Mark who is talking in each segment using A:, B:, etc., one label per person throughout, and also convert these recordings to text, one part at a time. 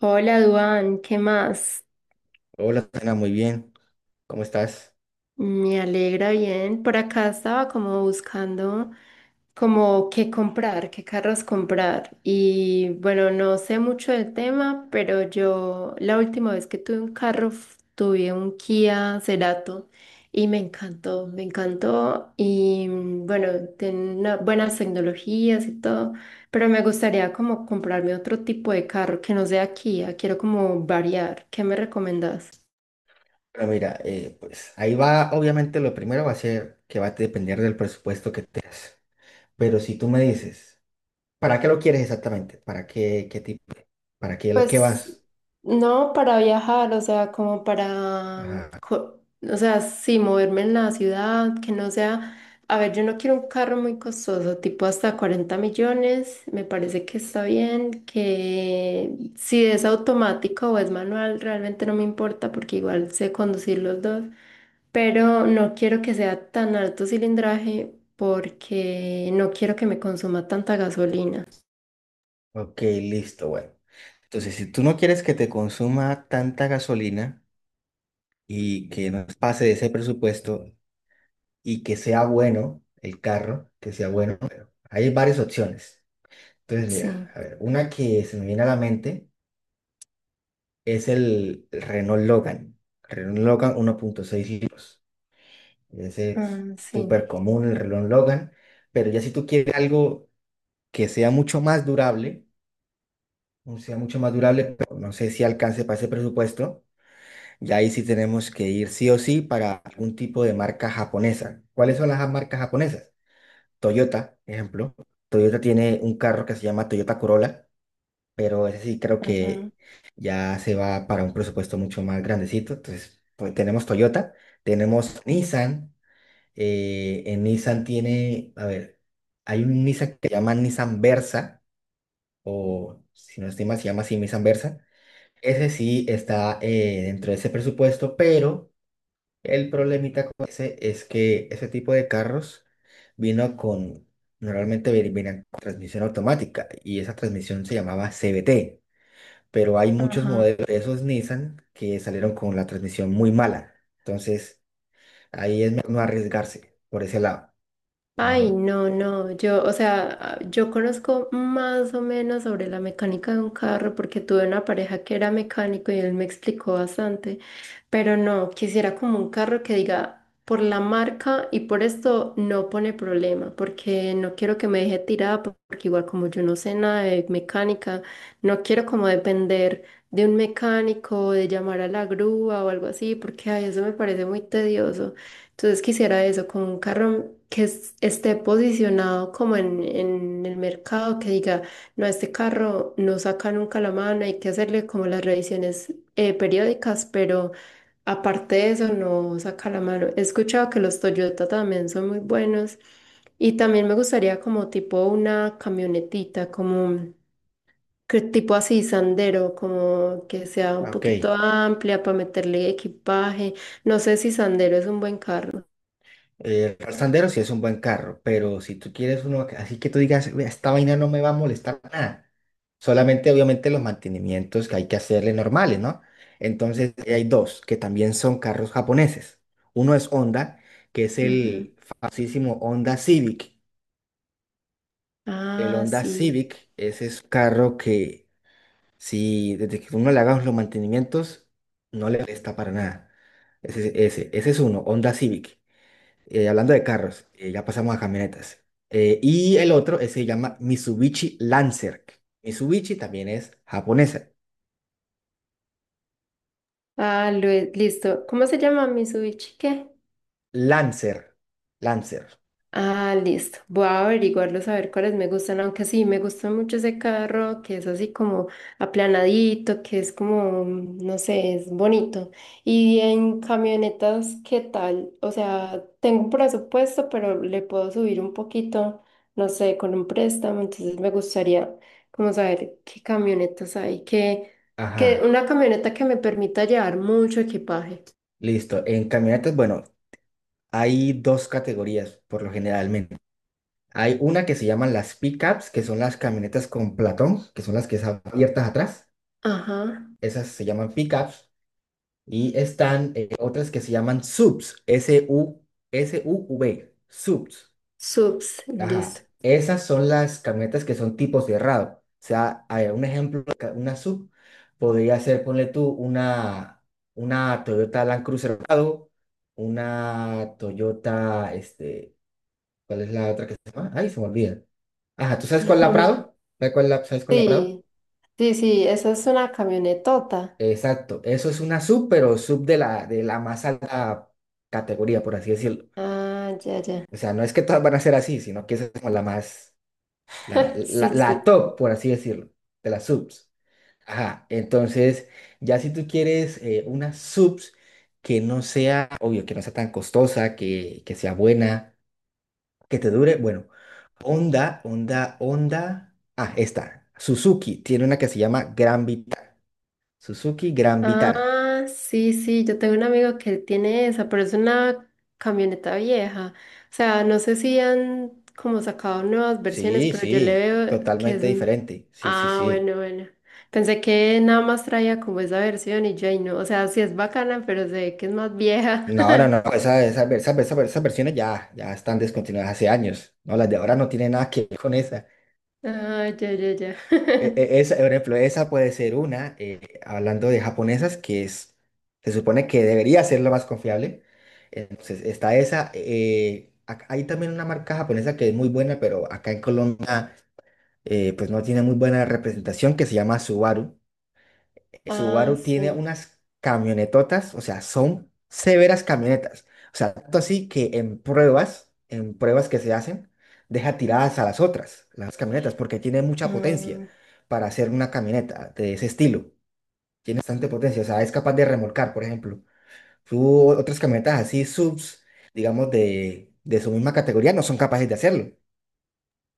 A: Hola, Duan, ¿qué más?
B: Hola, Tatiana, muy bien. ¿Cómo estás?
A: Me alegra bien. Por acá estaba como buscando como qué comprar, qué carros comprar. Y bueno, no sé mucho del tema, pero yo la última vez que tuve un tuve un Kia Cerato y me encantó, me encantó. Y bueno, tiene buenas tecnologías y todo, pero me gustaría como comprarme otro tipo de carro que no sea Kia. Quiero como variar. ¿Qué me recomendás?
B: Bueno, mira, pues ahí va, obviamente lo primero va a ser que va a depender del presupuesto que tengas. Pero si tú me dices, ¿para qué lo quieres exactamente? ¿Para qué, qué tipo? ¿Para qué lo que
A: Pues
B: vas?
A: no para viajar, o sea, como para,
B: Ajá.
A: o sea, sí, moverme en la ciudad, que no sea, a ver, yo no quiero un carro muy costoso, tipo hasta 40 millones, me parece que está bien, que si es automático o es manual, realmente no me importa porque igual sé conducir los dos, pero no quiero que sea tan alto cilindraje porque no quiero que me consuma tanta gasolina.
B: Ok, listo, bueno. Entonces, si tú no quieres que te consuma tanta gasolina y que no pase de ese presupuesto y que sea bueno el carro, que sea bueno, hay varias opciones. Entonces, mira,
A: Sí,
B: a ver, una que se me viene a la mente, es el Renault Logan. El Renault Logan 1.6 litros. Ese es
A: ah, sí.
B: súper común el Renault Logan. Pero ya si tú quieres algo que sea mucho más durable, o sea mucho más durable, pero no sé si alcance para ese presupuesto, ya ahí sí tenemos que ir sí o sí para algún tipo de marca japonesa. ¿Cuáles son las marcas japonesas? Toyota, ejemplo. Toyota tiene un carro que se llama Toyota Corolla, pero ese sí creo que ya se va para un presupuesto mucho más grandecito. Entonces, pues tenemos Toyota, tenemos Nissan. En Nissan tiene, a ver, hay un Nissan que se llama Nissan Versa, o si no estoy mal, se llama así Nissan Versa. Ese sí está dentro de ese presupuesto, pero el problemita con ese es que ese tipo de carros vino con, normalmente venían con transmisión automática y esa transmisión se llamaba CVT, pero hay muchos
A: Ajá.
B: modelos de esos Nissan que salieron con la transmisión muy mala. Entonces, ahí es mejor no arriesgarse por ese lado.
A: Ay,
B: Mejor.
A: no, no, yo, o sea, yo conozco más o menos sobre la mecánica de un carro porque tuve una pareja que era mecánico y él me explicó bastante, pero no, quisiera como un carro que diga por la marca y por esto no pone problema, porque no quiero que me deje tirada, porque igual como yo no sé nada de mecánica, no quiero como depender de un mecánico, de llamar a la grúa o algo así, porque ay, eso me parece muy tedioso. Entonces quisiera eso, como un carro que esté posicionado como en el mercado, que diga, no, este carro no saca nunca la mano, hay que hacerle como las revisiones periódicas, pero aparte de eso no saca la mano. He escuchado que los Toyota también son muy buenos y también me gustaría como tipo una camionetita, como que tipo así Sandero, como que sea un poquito
B: Ok.
A: amplia para meterle equipaje. No sé si Sandero es un buen carro.
B: El Ram Sandero sí es un buen carro, pero si tú quieres uno así que tú digas, "Vea, esta vaina no me va a molestar nada. Solamente, obviamente, los mantenimientos que hay que hacerle normales, ¿no? Entonces, ahí hay dos que también son carros japoneses. Uno es Honda, que es
A: Ujú.
B: el famosísimo Honda Civic. El
A: Ah,
B: Honda
A: sí.
B: Civic, ese es un carro que si desde que uno le haga los mantenimientos, no le molesta para nada. Ese es uno, Honda Civic. Hablando de carros, ya pasamos a camionetas. Y el otro se llama Mitsubishi Lancer. Mitsubishi también es japonesa.
A: Ah, listo. ¿Cómo se llama Mitsubishi? ¿Qué?
B: Lancer. Lancer.
A: Ah, listo. Voy a averiguarlos a ver cuáles me gustan, aunque sí, me gusta mucho ese carro que es así como aplanadito, que es como, no sé, es bonito. Y en camionetas, ¿qué tal? O sea, tengo un presupuesto, pero le puedo subir un poquito, no sé, con un préstamo, entonces me gustaría como saber qué camionetas hay, que
B: Ajá.
A: una camioneta que me permita llevar mucho equipaje.
B: Listo. En camionetas, bueno, hay dos categorías por lo generalmente. Hay una que se llaman las pickups, que son las camionetas con platón, que son las que están abiertas atrás.
A: Ajá,
B: Esas se llaman pickups. Y están otras que se llaman subs, SUV, subs.
A: subs, listo.
B: Ajá. Esas son las camionetas que son tipo cerrado. O sea, hay un ejemplo, de una sub podría ser, ponle tú, una, Toyota Land Cruiser cerrado, una Toyota, este, ¿cuál es la otra que se llama? Ay, se me olvida. Ajá, ¿tú sabes cuál es la Prado? ¿Sabes cuál es la Prado?
A: Sí. Sí, sí, eso es una camionetota.
B: Exacto, eso es una sub, pero sub de la más alta categoría, por así decirlo.
A: Ah, ya, ya.
B: O sea, no es que todas van a ser así, sino que esa es como la más, la,
A: Sí,
B: la, la
A: sí.
B: top, por así decirlo, de las subs. Ajá, entonces, ya si tú quieres una subs que no sea, obvio, que no sea tan costosa, que sea buena, que te dure, bueno, Honda, esta, Suzuki, tiene una que se llama Gran Vitara, Suzuki Gran Vitara.
A: Ah, sí, sí, yo tengo un amigo que él tiene esa, pero es una camioneta vieja. O sea, no sé si han como sacado nuevas versiones,
B: Sí,
A: pero yo le
B: sí,
A: veo que es
B: totalmente
A: un...
B: diferente, sí, sí,
A: Ah,
B: sí.
A: bueno, bueno. Pensé que nada más traía como esa versión y yo ahí no. O sea, sí es bacana, pero se ve que es más vieja.
B: No, no, no, esas versiones ya, ya están descontinuadas hace años, ¿no? Las de ahora no tienen nada que ver con esa.
A: Ah, ya, ya, ya.
B: E- e- esa, por ejemplo, esa puede ser una, hablando de japonesas, que es, se supone que debería ser la más confiable. Entonces, está esa. Hay también una marca japonesa que es muy buena, pero acá en Colombia, pues no tiene muy buena representación, que se llama Subaru.
A: Ah,
B: Subaru tiene
A: sí.
B: unas camionetotas, o sea, son severas camionetas. O sea, tanto así que en pruebas, que se hacen, deja tiradas a las otras, las camionetas, porque tiene mucha potencia
A: Ah.
B: para hacer una camioneta de ese estilo. Tiene bastante potencia, o sea, es capaz de remolcar, por ejemplo. Otras camionetas así, subs, digamos, de su misma categoría, no son capaces de hacerlo.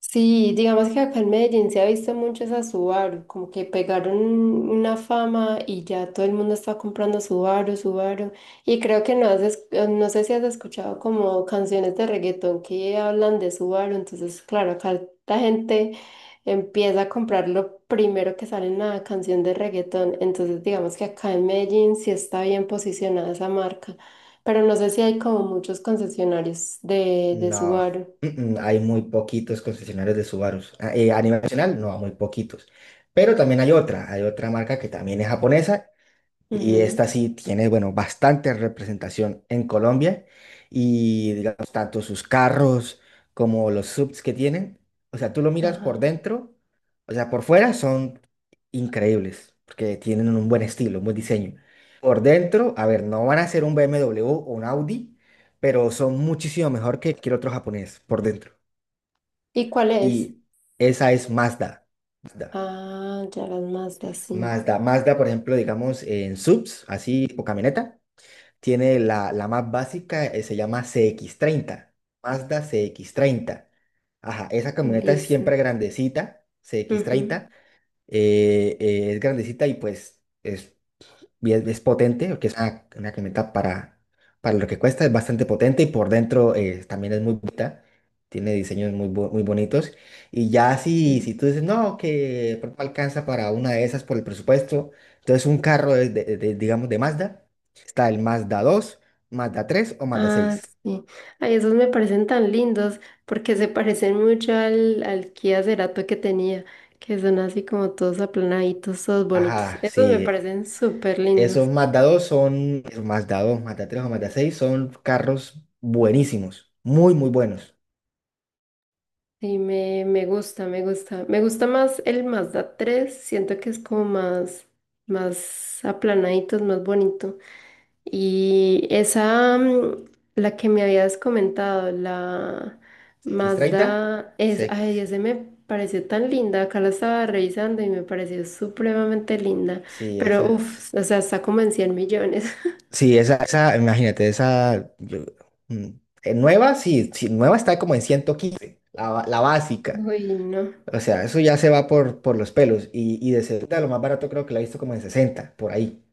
A: Sí, digamos que acá en Medellín se ha visto mucho esa Subaru, como que pegaron una fama y ya todo el mundo está comprando Subaru, Subaru. Y creo que no has, no sé si has escuchado como canciones de reggaetón que hablan de Subaru, entonces claro, acá la gente empieza a comprar lo primero que sale en la canción de reggaetón, entonces digamos que acá en Medellín sí está bien posicionada esa marca, pero no sé si hay como muchos concesionarios de
B: No,
A: Subaru.
B: mm, hay muy poquitos concesionarios de Subarus. Ah, a nivel nacional, no, muy poquitos. Pero también hay otra marca que también es japonesa y
A: Ujú.
B: esta sí tiene, bueno, bastante representación en Colombia y, digamos, tanto sus carros como los subs que tienen. O sea, tú lo miras por
A: Ajá.
B: dentro, o sea, por fuera son increíbles porque tienen un buen estilo, un buen diseño. Por dentro, a ver, no van a ser un BMW o un Audi, pero son muchísimo mejor que cualquier otro japonés por dentro.
A: ¿Y cuál es?
B: Y esa es Mazda. Mazda,
A: Ah, ya las Mazda, sí.
B: Mazda, Mazda, por ejemplo, digamos, en subs, así, o camioneta, tiene la más básica, se llama CX-30. Mazda CX-30. Ajá, esa camioneta es
A: Listo.
B: siempre grandecita, cx
A: Ujú.
B: treinta Es grandecita y pues es, potente, porque es una, camioneta para lo que cuesta, es bastante potente y por dentro también es muy bonita, tiene diseños muy bonitos. Y ya si,
A: Mm.
B: si tú dices, no, que de pronto alcanza para una de esas por el presupuesto, entonces un carro de, digamos, de Mazda, está el Mazda 2. Mazda 3 o Mazda
A: Ah,
B: seis
A: sí. Ay, esos me parecen tan lindos porque se parecen mucho al Kia Cerato que tenía, que son así como todos aplanaditos, todos bonitos.
B: Ajá,
A: Esos me
B: sí.
A: parecen súper lindos.
B: Esos Mazda dos son, esos Mazda 2 Mazda 3 o Mazda seis son carros buenísimos, muy, muy buenos.
A: Sí, me gusta, me gusta. Me gusta más el Mazda 3. Siento que es como más, más aplanaditos, más bonito. Y esa, la que me habías comentado, la
B: X30.
A: Mazda, es, ay, ese me pareció tan linda. Acá la estaba revisando y me pareció supremamente linda.
B: Sí,
A: Pero,
B: esa.
A: uff, o sea, está como en 100 millones.
B: Sí, esa, imagínate, esa. Mm, nueva, sí, sí, nueva está como en 115 la básica.
A: Uy, no.
B: O sea, eso ya se va por, los pelos. Y de segunda, lo más barato creo que la he visto como en 60 por ahí.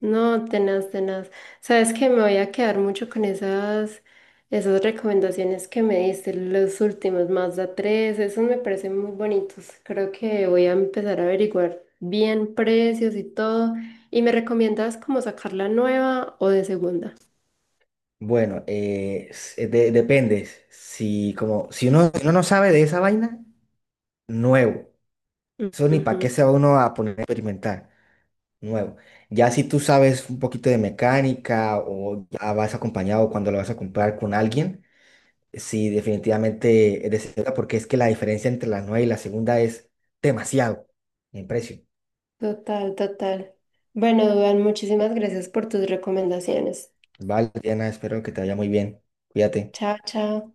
A: No, tenaz, tenaz. Sabes que me voy a quedar mucho con esas recomendaciones que me diste, los últimos, Mazda 3, esos me parecen muy bonitos. Creo que voy a empezar a averiguar bien precios y todo. ¿Y me recomiendas como sacar la nueva o de segunda?
B: Bueno, depende. Si, como, si uno no sabe de esa vaina, nuevo. Eso ni para
A: Ujú.
B: qué se va uno a poner a experimentar. Nuevo. Ya si tú sabes un poquito de mecánica o ya vas acompañado cuando lo vas a comprar con alguien. Sí, definitivamente es de segunda, porque es que la diferencia entre la nueva y la segunda es demasiado en precio.
A: Total, total. Bueno, Duan, muchísimas gracias por tus recomendaciones.
B: Vale, Diana, espero que te vaya muy bien. Cuídate.
A: Chao, chao.